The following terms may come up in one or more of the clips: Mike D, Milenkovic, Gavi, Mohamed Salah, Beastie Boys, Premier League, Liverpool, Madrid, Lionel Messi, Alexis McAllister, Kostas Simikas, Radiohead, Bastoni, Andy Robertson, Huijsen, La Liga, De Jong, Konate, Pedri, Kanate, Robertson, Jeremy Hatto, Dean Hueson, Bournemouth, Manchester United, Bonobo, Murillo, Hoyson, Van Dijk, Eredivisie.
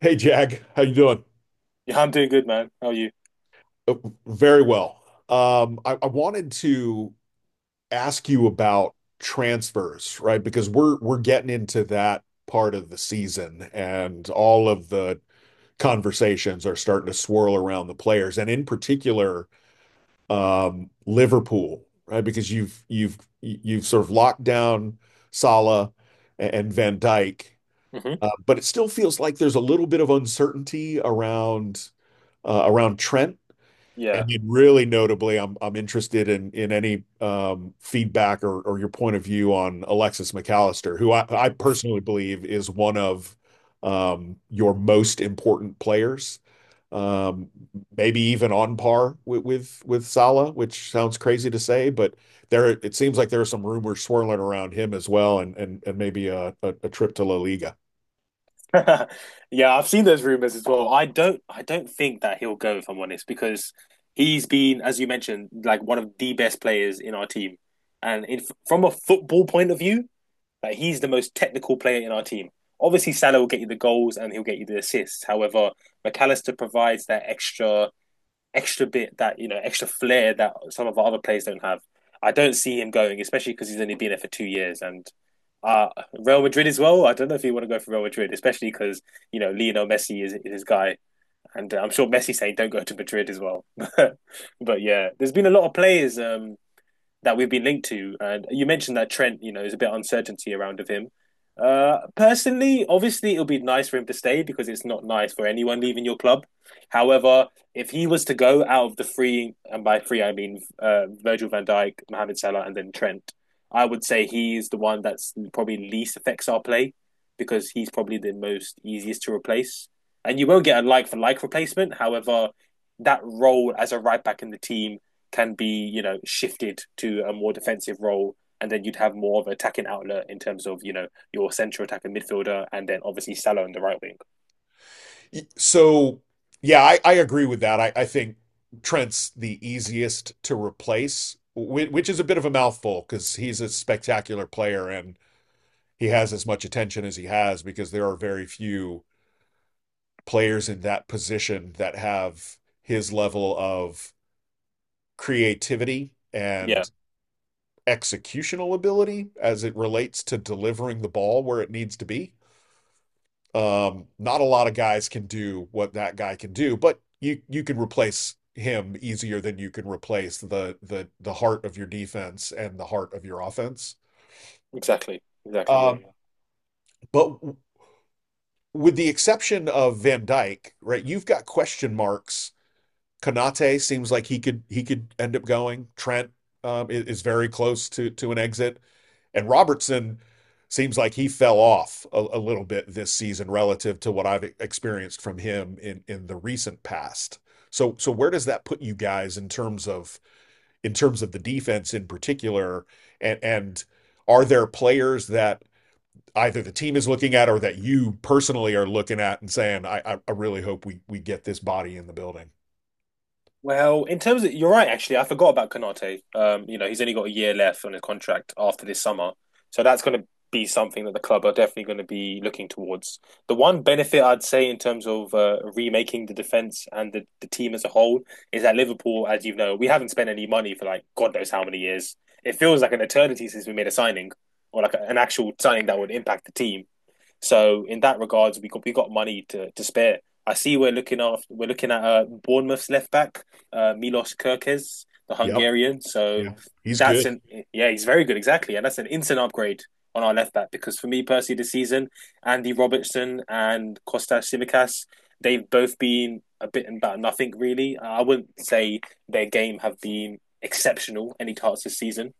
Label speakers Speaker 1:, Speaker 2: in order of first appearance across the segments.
Speaker 1: Hey Jag, how you doing?
Speaker 2: Yeah, I'm doing good, man. How are you?
Speaker 1: Uh, Very well. I wanted to ask you about transfers, right? Because we're getting into that part of the season, and all of the conversations are starting to swirl around the players, and in particular, Liverpool, right? Because you've sort of locked down Salah and Van Dijk,
Speaker 2: hmm
Speaker 1: but it still feels like there's a little bit of uncertainty around around Trent.
Speaker 2: Yeah.
Speaker 1: And then really notably, I'm interested in any feedback or your point of view on Alexis McAllister, who I personally believe is one of your most important players, um, maybe even on par with, with Salah, which sounds crazy to say, but there it seems like there are some rumors swirling around him as well, and maybe a trip to La Liga.
Speaker 2: Yeah, I've seen those rumors as well. I don't think that he'll go if I'm honest, because he's been, as you mentioned, like one of the best players in our team. And in, from a football point of view, like he's the most technical player in our team. Obviously, Salah will get you the goals and he'll get you the assists. However, McAllister provides that extra bit that extra flair that some of our other players don't have. I don't see him going, especially because he's only been there for two years and. Uh, Real Madrid as well. I don't know if you want to go for Real Madrid, especially because you know Lionel Messi is his guy, and I'm sure Messi saying don't go to Madrid as well. But yeah, there's been a lot of players that we've been linked to. And you mentioned that Trent, you know, is a bit of uncertainty around of him. Personally, obviously, it'll be nice for him to stay because it's not nice for anyone leaving your club. However, if he was to go out of the three, and by three I mean Virgil van Dijk, Mohamed Salah, and then Trent, I would say he's the one that's probably least affects our play because he's probably the most easiest to replace. And you won't get a like for like replacement. However, that role as a right back in the team can be you know shifted to a more defensive role, and then you'd have more of an attacking outlet in terms of you know your central attacking midfielder, and then obviously Salah on the right wing.
Speaker 1: So, yeah, I agree with that. I think Trent's the easiest to replace, which is a bit of a mouthful because he's a spectacular player and he has as much attention as he has because there are very few players in that position that have his level of creativity
Speaker 2: Yeah,
Speaker 1: and executional ability as it relates to delivering the ball where it needs to be. Not a lot of guys can do what that guy can do, but you can replace him easier than you can replace the heart of your defense and the heart of your offense.
Speaker 2: exactly, exactly. Yeah.
Speaker 1: Um, but with the exception of Van Dyke, right? You've got question marks. Kanate seems like he could end up going. Trent is very close to an exit. And Robertson seems like he fell off a little bit this season relative to what I've experienced from him in the recent past. So where does that put you guys in terms of the defense in particular and are there players that either the team is looking at or that you personally are looking at and saying I really hope we get this body in the building.
Speaker 2: Well, in terms of you're right, actually, I forgot about Konate. You know, he's only got a year left on his contract after this summer, so that's going to be something that the club are definitely going to be looking towards. The one benefit I'd say in terms of remaking the defense and the team as a whole is that Liverpool, as you know, we haven't spent any money for like God knows how many years. It feels like an eternity since we made a signing or like an actual signing that would impact the team. So in that regards, we got money to spare. I see we're looking after We're looking at Bournemouth's left back, Milos Kirkes, the
Speaker 1: Yep.
Speaker 2: Hungarian. So
Speaker 1: Yeah. He's
Speaker 2: that's
Speaker 1: good.
Speaker 2: an yeah, he's very good exactly, and that's an instant upgrade on our left back because for me personally this season, Andy Robertson and Kostas Simikas, they've both been a bit about nothing really. I wouldn't say their game have been exceptional any parts this season.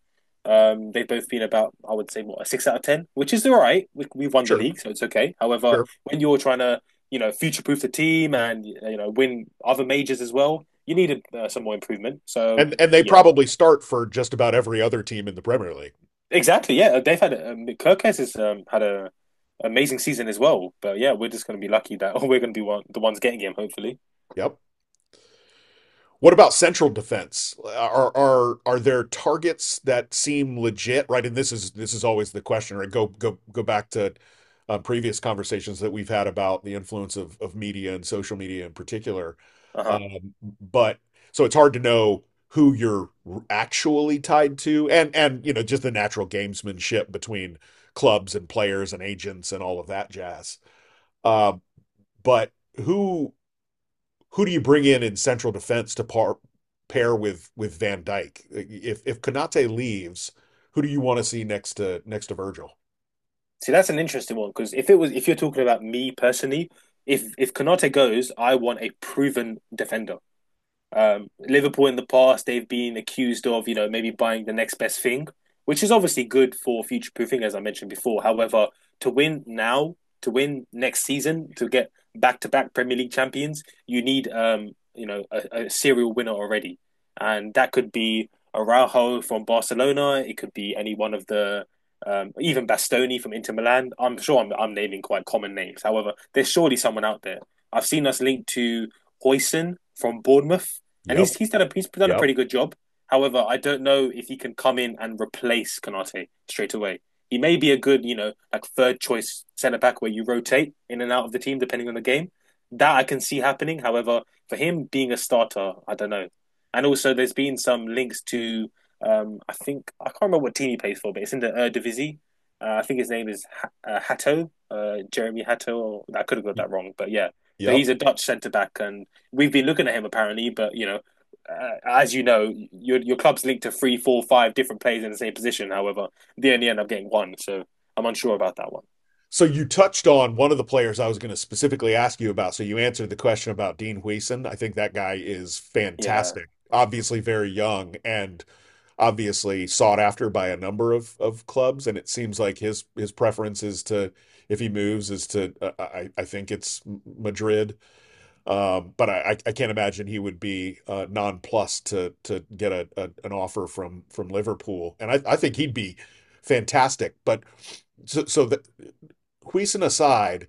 Speaker 2: Um, they've both been about, I would say, what, a six out of 10, which is all right. We've won the
Speaker 1: Sure.
Speaker 2: league, so it's okay. However,
Speaker 1: Sure.
Speaker 2: when you're trying to, you know, future-proof the team, and, you know, win other majors as well, you need some more improvement. So,
Speaker 1: And they
Speaker 2: yeah,
Speaker 1: probably start for just about every other team in the Premier League.
Speaker 2: exactly, yeah. They've had Kirkes has had a amazing season as well. But yeah, we're just going to be lucky that we're going to be the ones getting him, hopefully.
Speaker 1: Yep. What about central defense? Are there targets that seem legit, right? And this is always the question, right? Go back to previous conversations that we've had about the influence of media and social media in particular.
Speaker 2: Uh-huh.
Speaker 1: Um, but so it's hard to know who you're actually tied to, and you know just the natural gamesmanship between clubs and players and agents and all of that jazz. Uh, but who who do you bring in central defense to par, pair with Van Dyke? If Konate leaves, who do you want to see next to next to Virgil?
Speaker 2: See, that's an interesting one because if it was, if you're talking about me personally, if Konate goes, I want a proven defender. Liverpool in the past, they've been accused of, you know, maybe buying the next best thing, which is obviously good for future proofing, as I mentioned before. However, to win now, to win next season, to get back to back Premier League champions, you need, you know, a serial winner already. And that could be Araujo from Barcelona. It could be any one of even Bastoni from Inter Milan. I'm sure I'm naming quite common names. However, there's surely someone out there. I've seen us linked to Hoyson from Bournemouth, and he's
Speaker 1: Yep.
Speaker 2: he's done a he's done a
Speaker 1: Yep.
Speaker 2: pretty good job. However, I don't know if he can come in and replace Konate straight away. He may be a good, you know, like third choice centre back where you rotate in and out of the team depending on the game. That I can see happening. However, for him being a starter, I don't know. And also, there's been some links to, I think I can't remember what team he plays for, but it's in the Eredivisie. I think his name is Hatto, Jeremy Hatto. Or, I could have got that wrong, but yeah. So
Speaker 1: Yep.
Speaker 2: he's a Dutch centre back, and we've been looking at him apparently, but you know as you know, your club's linked to three, four, five different players in the same position. However, they only end up getting one, so I'm unsure about that one.
Speaker 1: So you touched on one of the players I was going to specifically ask you about. So you answered the question about Dean Hueson. I think that guy is
Speaker 2: Yeah,
Speaker 1: fantastic. Obviously very young and obviously sought after by a number of clubs. And it seems like his preference is to if he moves is to I think it's Madrid. But I can't imagine he would be nonplussed to get a an offer from Liverpool, and I think he'd be fantastic. But so so that Huijsen aside,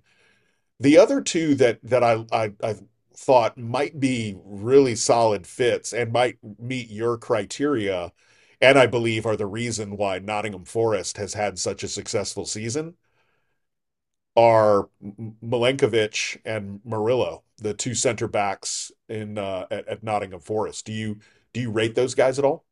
Speaker 1: the other two that that I thought might be really solid fits and might meet your criteria, and I believe are the reason why Nottingham Forest has had such a successful season are Milenkovic and Murillo, the two center backs in at Nottingham Forest. Do you rate those guys at all?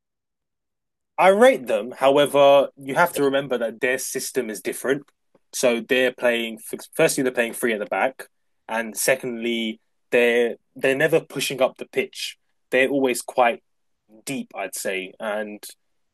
Speaker 2: I rate them. However, you have to remember that their system is different. So they're playing. Firstly, they're playing three at the back, and secondly, they're never pushing up the pitch. They're always quite deep, I'd say. And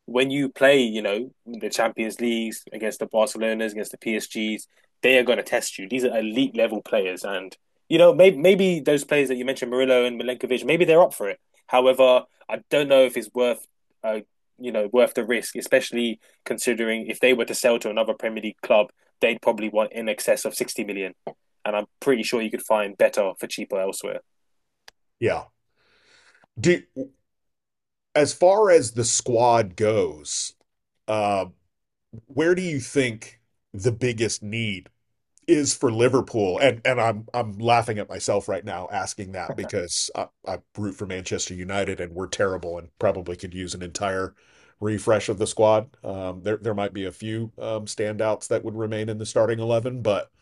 Speaker 2: when you play, you know, the Champions Leagues against the Barcelonas, against the PSGs, they are going to test you. These are elite level players, and you know, maybe those players that you mentioned, Murillo and Milenkovic, maybe they're up for it. However, I don't know if it's uh, you know, worth the risk, especially considering if they were to sell to another Premier League club, they'd probably want in excess of 60 million, and I'm pretty sure you could find better for cheaper elsewhere.
Speaker 1: Yeah. Do as far as the squad goes, uh, where do you think the biggest need is for Liverpool, and I'm laughing at myself right now asking that because I root for Manchester United and we're terrible and probably could use an entire refresh of the squad. There might be a few standouts that would remain in the starting eleven, but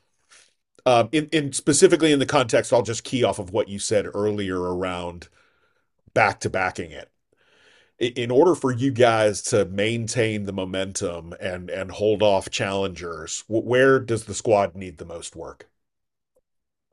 Speaker 1: in specifically in the context, I'll just key off of what you said earlier around back to backing it. In order for you guys to maintain the momentum and hold off challengers, where does the squad need the most work?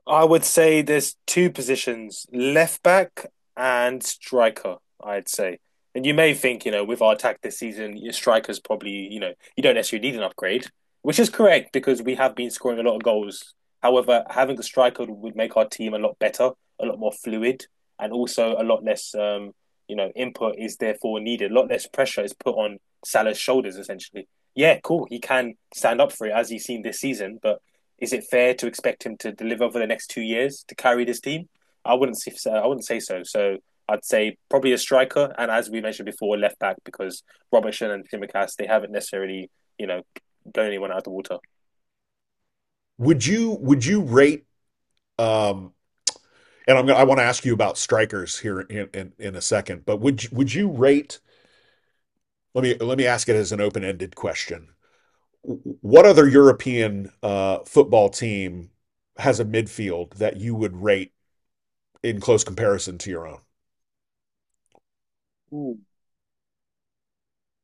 Speaker 2: I would say there's two positions, left back and striker, I'd say. And you may think, you know, with our attack this season, your striker's probably, you know, you don't necessarily need an upgrade, which is correct because we have been scoring a lot of goals. However, having a striker would make our team a lot better, a lot more fluid, and also a lot less, you know, input is therefore needed. A lot less pressure is put on Salah's shoulders, essentially. Yeah, cool. He can stand up for it, as he's seen this season, but is it fair to expect him to deliver for the next 2 years to carry this team? I wouldn't say so. I wouldn't say so. So I'd say probably a striker, and as we mentioned before, left back because Robertson and Simicast they haven't necessarily you know blown anyone out of the water.
Speaker 1: Would you rate um and I want to ask you about strikers here in a second, but would you rate let me ask it as an open-ended question. What other European football team has a midfield that you would rate in close comparison to your own?
Speaker 2: Ooh.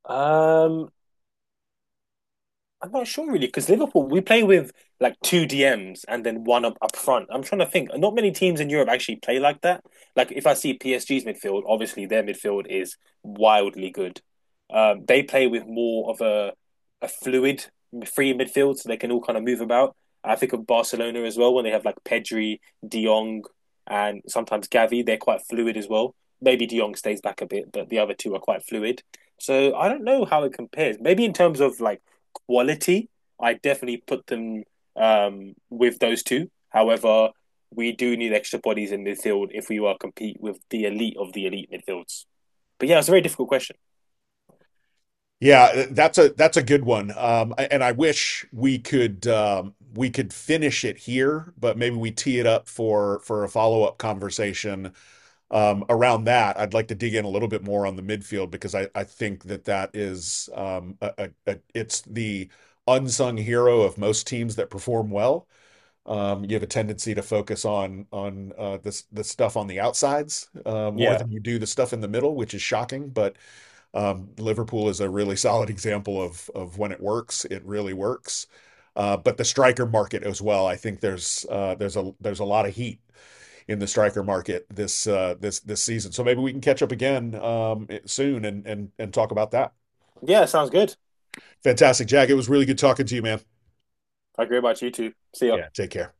Speaker 2: Um, I'm not sure really because Liverpool we play with like two DMs and then one up front. I'm trying to think. Not many teams in Europe actually play like that. Like if I see PSG's midfield, obviously their midfield is wildly good. They play with more of a fluid free midfield, so they can all kind of move about. I think of Barcelona as well when they have like Pedri, De Jong, and sometimes Gavi. They're quite fluid as well. Maybe De Jong stays back a bit, but the other two are quite fluid. So I don't know how it compares. Maybe in terms of like quality, I definitely put them with those two. However, we do need extra bodies in midfield if we are compete with the elite of the elite midfields. But yeah, it's a very difficult question.
Speaker 1: Yeah, that's a good one. And I wish we could finish it here, but maybe we tee it up for a follow-up conversation around that. I'd like to dig in a little bit more on the midfield because I think that that is it's the unsung hero of most teams that perform well. You have a tendency to focus on this the stuff on the outsides more
Speaker 2: Yeah,
Speaker 1: than you do the stuff in the middle, which is shocking, but. Liverpool is a really solid example of when it works, it really works. But the striker market as well, I think there's a lot of heat in the striker market this season. So maybe we can catch up again soon and talk about that.
Speaker 2: yeah, sounds good.
Speaker 1: Fantastic, Jack. It was really good talking to you, man.
Speaker 2: I agree about you too. See ya.
Speaker 1: Yeah. Take care.